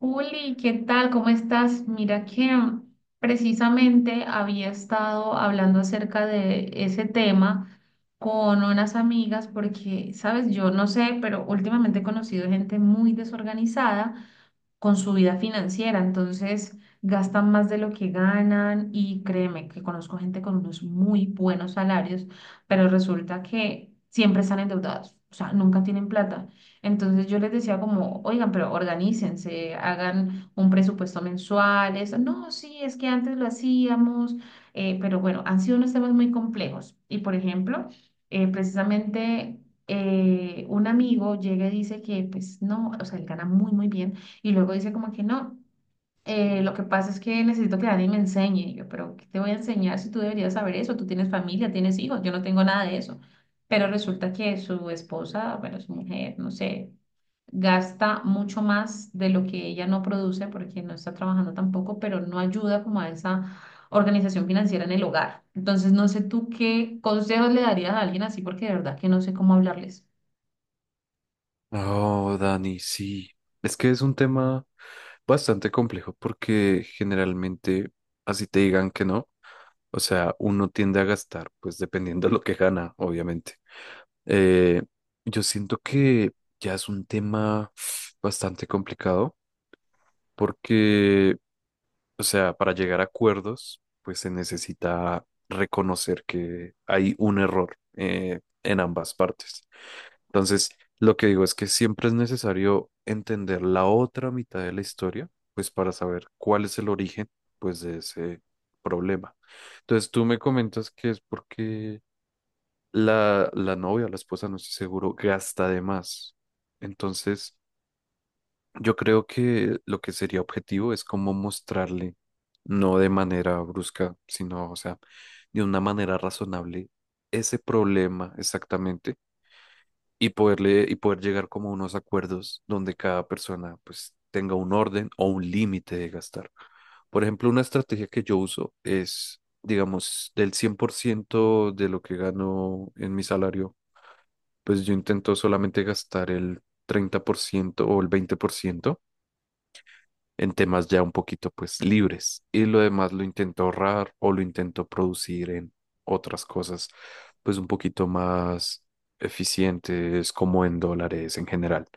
Juli, ¿qué tal? ¿Cómo estás? Mira que precisamente había estado hablando acerca de ese tema con unas amigas porque, sabes, yo no sé, pero últimamente he conocido gente muy desorganizada con su vida financiera, entonces gastan más de lo que ganan y créeme que conozco gente con unos muy buenos salarios, pero resulta que siempre están endeudados, o sea, nunca tienen plata. Entonces yo les decía como, oigan, pero organícense, hagan un presupuesto mensual, eso, no, sí, es que antes lo hacíamos, pero bueno, han sido unos temas muy complejos. Y por ejemplo, eh, precisamente... un amigo llega y dice que pues no, o sea, él gana muy, muy bien y luego dice como que no, lo que pasa es que necesito que alguien me enseñe. Y yo, pero ¿qué te voy a enseñar si tú deberías saber eso? Tú tienes familia, tienes hijos, yo no tengo nada de eso. Pero resulta que su esposa, bueno, su mujer, no sé, gasta mucho más de lo que ella no produce porque no está trabajando tampoco, pero no ayuda como a esa organización financiera en el hogar. Entonces, no sé tú qué consejos le darías a alguien así porque de verdad que no sé cómo hablarles. Oh, Dani, sí. Es que es un tema bastante complejo porque generalmente, así te digan que no, o sea, uno tiende a gastar, pues dependiendo de lo que gana, obviamente. Eh, yo siento que ya es un tema bastante complicado porque, o sea, para llegar a acuerdos, pues se necesita reconocer que hay un error en ambas partes. Entonces, lo que digo es que siempre es necesario entender la otra mitad de la historia, pues para saber cuál es el origen, pues de ese problema. Entonces, tú me comentas que es porque la novia, la esposa, no estoy seguro, gasta de más. Entonces, yo creo que lo que sería objetivo es como mostrarle, no de manera brusca, sino, o sea, de una manera razonable, ese problema exactamente y poder llegar como a unos acuerdos donde cada persona pues tenga un orden o un límite de gastar. Por ejemplo, una estrategia que yo uso es, digamos, del 100% de lo que gano en mi salario, pues yo intento solamente gastar el 30% o el 20% en temas ya un poquito pues libres, y lo demás lo intento ahorrar o lo intento producir en otras cosas pues un poquito más eficientes como en dólares en general.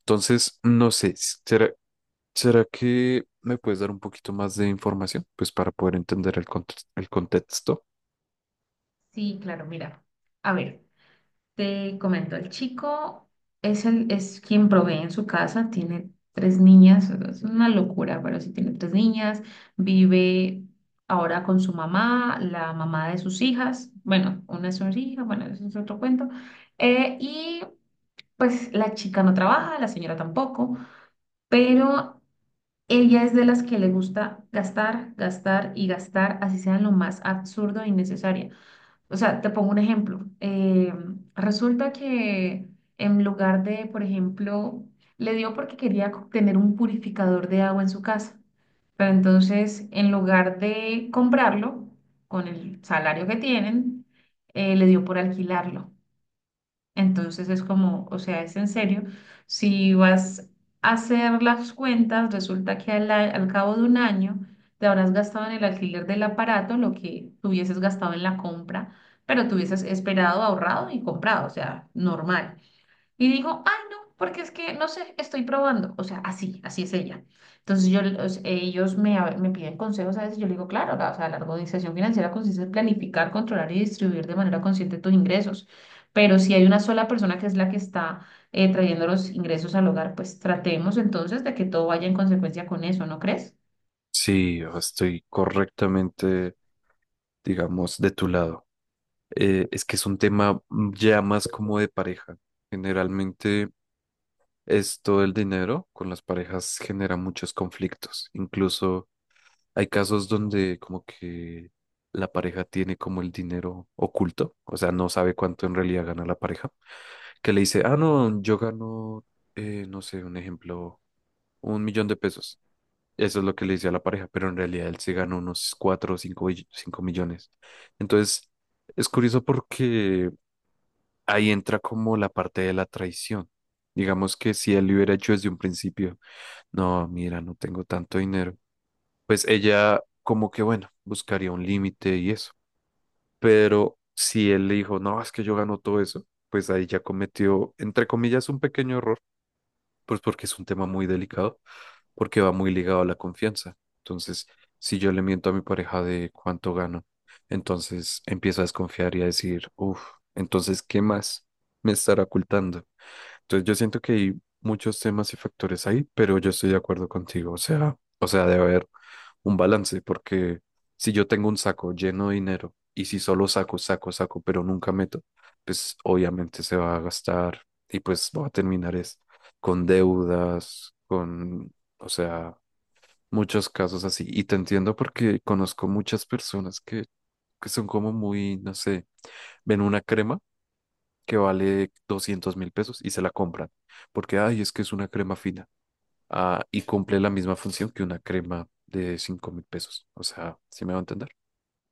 Entonces, no sé, ¿será que me puedes dar un poquito más de información pues para poder entender el contexto? Sí, claro, mira, a ver. Te comento, el chico es quien provee en su casa, tiene tres niñas, es una locura, pero sí tiene tres niñas, vive ahora con su mamá, la mamá de sus hijas, bueno, una es su hija, bueno, eso es otro cuento, y pues la chica no trabaja, la señora tampoco, pero ella es de las que le gusta gastar, gastar y gastar, así sea en lo más absurdo e innecesario. O sea, te pongo un ejemplo. Resulta que en lugar de, por ejemplo, le dio porque quería tener un purificador de agua en su casa, pero entonces en lugar de comprarlo con el salario que tienen, le dio por alquilarlo. Entonces es como, o sea, es en serio, si vas a hacer las cuentas, resulta que al cabo de un año te habrás gastado en el alquiler del aparato lo que tuvieses gastado en la compra, pero tuvieses esperado, ahorrado y comprado, o sea, normal. Y dijo, ay, no, porque es que, no sé, estoy probando. O sea, así, así es ella. Entonces yo, o sea, ellos me piden consejos a veces, yo le digo, claro, la, o sea, la organización financiera consiste en planificar, controlar y distribuir de manera consciente tus ingresos. Pero si hay una sola persona que es la que está trayendo los ingresos al hogar, pues tratemos entonces de que todo vaya en consecuencia con eso, ¿no crees? Sí, estoy correctamente, digamos, de tu lado. Es que es un tema ya más como de pareja. Generalmente, esto del dinero con las parejas genera muchos conflictos. Incluso hay casos donde como que la pareja tiene como el dinero oculto, o sea, no sabe cuánto en realidad gana la pareja, que le dice, ah, no, yo gano, no sé, un ejemplo, 1 millón de pesos. Eso es lo que le dice a la pareja, pero en realidad él se gana unos cuatro o cinco, 5 millones. Entonces, es curioso porque ahí entra como la parte de la traición. Digamos que si él lo hubiera hecho desde un principio, no, mira, no tengo tanto dinero. Pues ella como que, bueno, buscaría un límite y eso. Pero si él le dijo, no, es que yo gano todo eso, pues ahí ya cometió, entre comillas, un pequeño error, pues porque es un tema muy delicado, porque va muy ligado a la confianza. Entonces, si yo le miento a mi pareja de cuánto gano, entonces empiezo a desconfiar y a decir, uff, entonces, ¿qué más me estará ocultando? Entonces yo siento que hay muchos temas y factores ahí, pero yo estoy de acuerdo contigo. O sea, debe haber un balance, porque si yo tengo un saco lleno de dinero y si solo saco, saco, saco, pero nunca meto, pues obviamente se va a gastar y pues va a terminar es con deudas, con, o sea, muchos casos así. Y te entiendo porque conozco muchas personas que, son como muy, no sé, ven una crema que vale 200.000 pesos y se la compran. Porque, ay, es que es una crema fina. Ah, y cumple la misma función que una crema de 5.000 pesos. O sea, ¿sí me va a entender?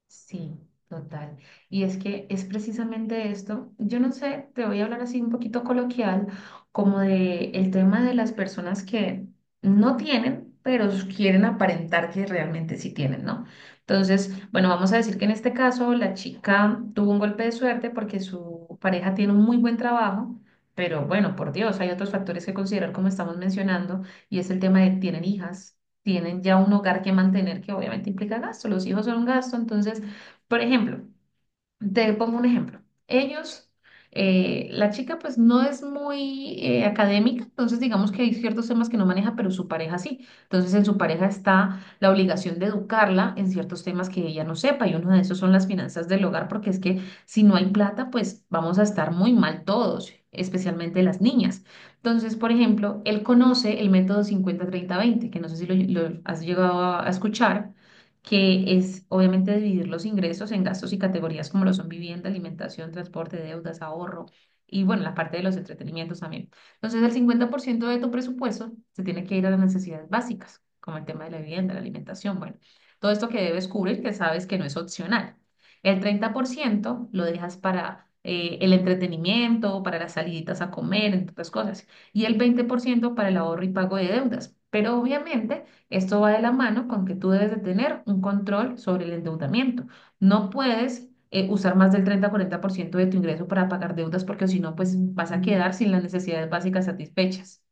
Sí, total. Y es que es precisamente esto. Yo no sé, te voy a hablar así un poquito coloquial, como de el tema de las personas que no tienen, pero quieren aparentar que realmente sí tienen, ¿no? Entonces, bueno, vamos a decir que en este caso la chica tuvo un golpe de suerte porque su pareja tiene un muy buen trabajo, pero bueno, por Dios, hay otros factores que considerar como estamos mencionando, y es el tema de tienen hijas, tienen ya un hogar que mantener, que obviamente implica gasto. Los hijos son un gasto. Entonces, por ejemplo, te pongo un ejemplo. Ellos, la chica pues no es muy académica, entonces digamos que hay ciertos temas que no maneja, pero su pareja sí. Entonces en su pareja está la obligación de educarla en ciertos temas que ella no sepa y uno de esos son las finanzas del hogar, porque es que si no hay plata, pues vamos a estar muy mal todos, especialmente las niñas. Entonces, por ejemplo, él conoce el método 50-30-20, que no sé si lo has llegado a escuchar, que es obviamente dividir los ingresos en gastos y categorías como lo son vivienda, alimentación, transporte, deudas, ahorro y bueno, la parte de los entretenimientos también. Entonces, el 50% de tu presupuesto se tiene que ir a las necesidades básicas, como el tema de la vivienda, la alimentación, bueno, todo esto que debes cubrir, que sabes que no es opcional. El 30% lo dejas para el entretenimiento, para las saliditas a comer, entre otras cosas, y el 20% para el ahorro y pago de deudas. Pero obviamente esto va de la mano con que tú debes de tener un control sobre el endeudamiento. No puedes usar más del 30-40% de tu ingreso para pagar deudas porque si no, pues vas a quedar sin las necesidades básicas satisfechas.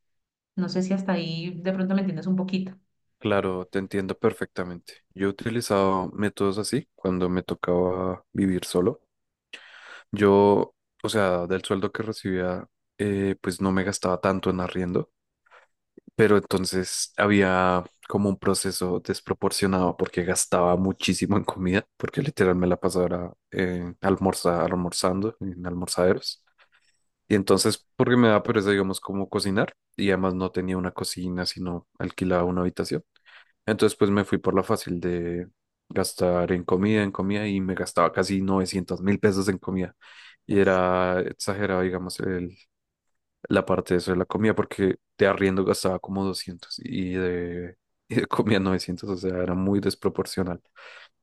No sé si hasta ahí de pronto me entiendes un poquito. Claro, te entiendo perfectamente. Yo he utilizado métodos así cuando me tocaba vivir solo. Yo, o sea, del sueldo que recibía, pues no me gastaba tanto en arriendo. Pero entonces había como un proceso desproporcionado porque gastaba muchísimo en comida, porque literal me la pasaba era, almorzando en almorzaderos. Y entonces, porque me daba pereza, digamos, como cocinar, y además no tenía una cocina, sino alquilaba una habitación. Entonces, pues me fui por la fácil de gastar en comida, y me gastaba casi 900.000 pesos en comida. Y era exagerado, digamos, la parte de eso de la comida, porque de arriendo gastaba como 200 y y de comida 900. O sea, era muy desproporcional.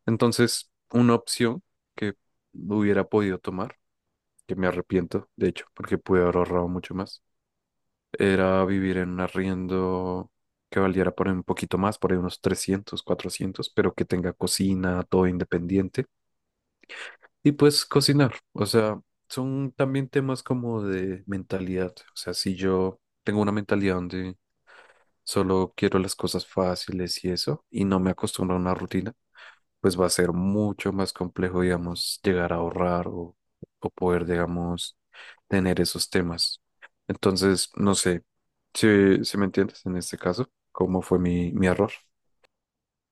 Entonces, una opción que hubiera podido tomar, que me arrepiento, de hecho, porque pude haber ahorrado mucho más, era vivir en un arriendo que valiera por ahí un poquito más, por ahí unos trescientos, cuatrocientos, pero que tenga cocina, todo independiente, y pues cocinar, o sea... Son también temas como de mentalidad. O sea, si yo tengo una mentalidad donde solo quiero las cosas fáciles y eso, y no me acostumbro a una rutina, pues va a ser mucho más complejo, digamos, llegar a ahorrar o, poder, digamos, tener esos temas. Entonces, no sé, si me entiendes en este caso, ¿cómo fue mi error?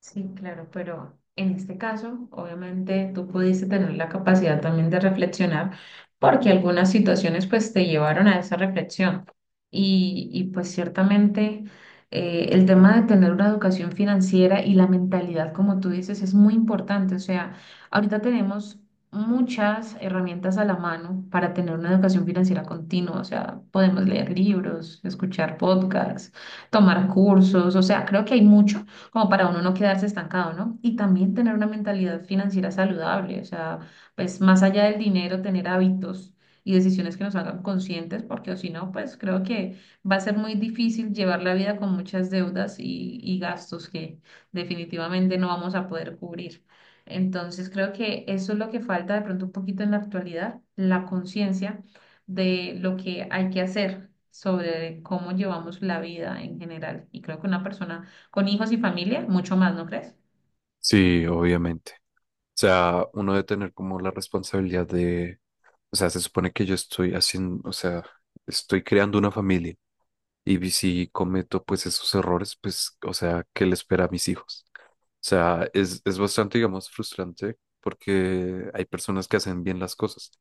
Sí, claro, pero en este caso, obviamente, tú pudiste tener la capacidad también de reflexionar, porque algunas situaciones pues te llevaron a esa reflexión. Pues ciertamente el tema de tener una educación financiera y la mentalidad, como tú dices, es muy importante. O sea, ahorita tenemos muchas herramientas a la mano para tener una educación financiera continua. O sea, podemos leer libros, escuchar podcasts, tomar cursos. O sea, creo que hay mucho como para uno no quedarse estancado, ¿no? Y también tener una mentalidad financiera saludable, o sea, pues más allá del dinero, tener hábitos y decisiones que nos hagan conscientes, porque o si no, pues creo que va a ser muy difícil llevar la vida con muchas deudas y gastos que definitivamente no vamos a poder cubrir. Entonces creo que eso es lo que falta de pronto un poquito en la actualidad, la conciencia de lo que hay que hacer sobre cómo llevamos la vida en general. Y creo que una persona con hijos y familia, mucho más, ¿no crees? Sí, obviamente. O sea, uno debe tener como la responsabilidad de, o sea, se supone que yo estoy haciendo, o sea, estoy creando una familia. Y si cometo pues esos errores, pues, o sea, ¿qué le espera a mis hijos? O sea, es bastante, digamos, frustrante porque hay personas que hacen bien las cosas,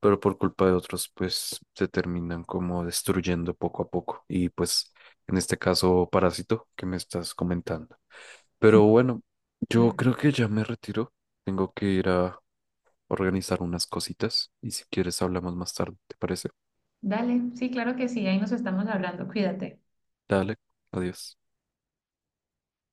pero por culpa de otros, pues se terminan como destruyendo poco a poco. Y pues, en este caso, Parásito, que me estás comentando. Pero bueno, En yo efecto. creo que ya me retiro. Tengo que ir a organizar unas cositas y si quieres hablamos más tarde, ¿te parece? Dale, sí, claro que sí, ahí nos estamos hablando, cuídate. Dale, adiós.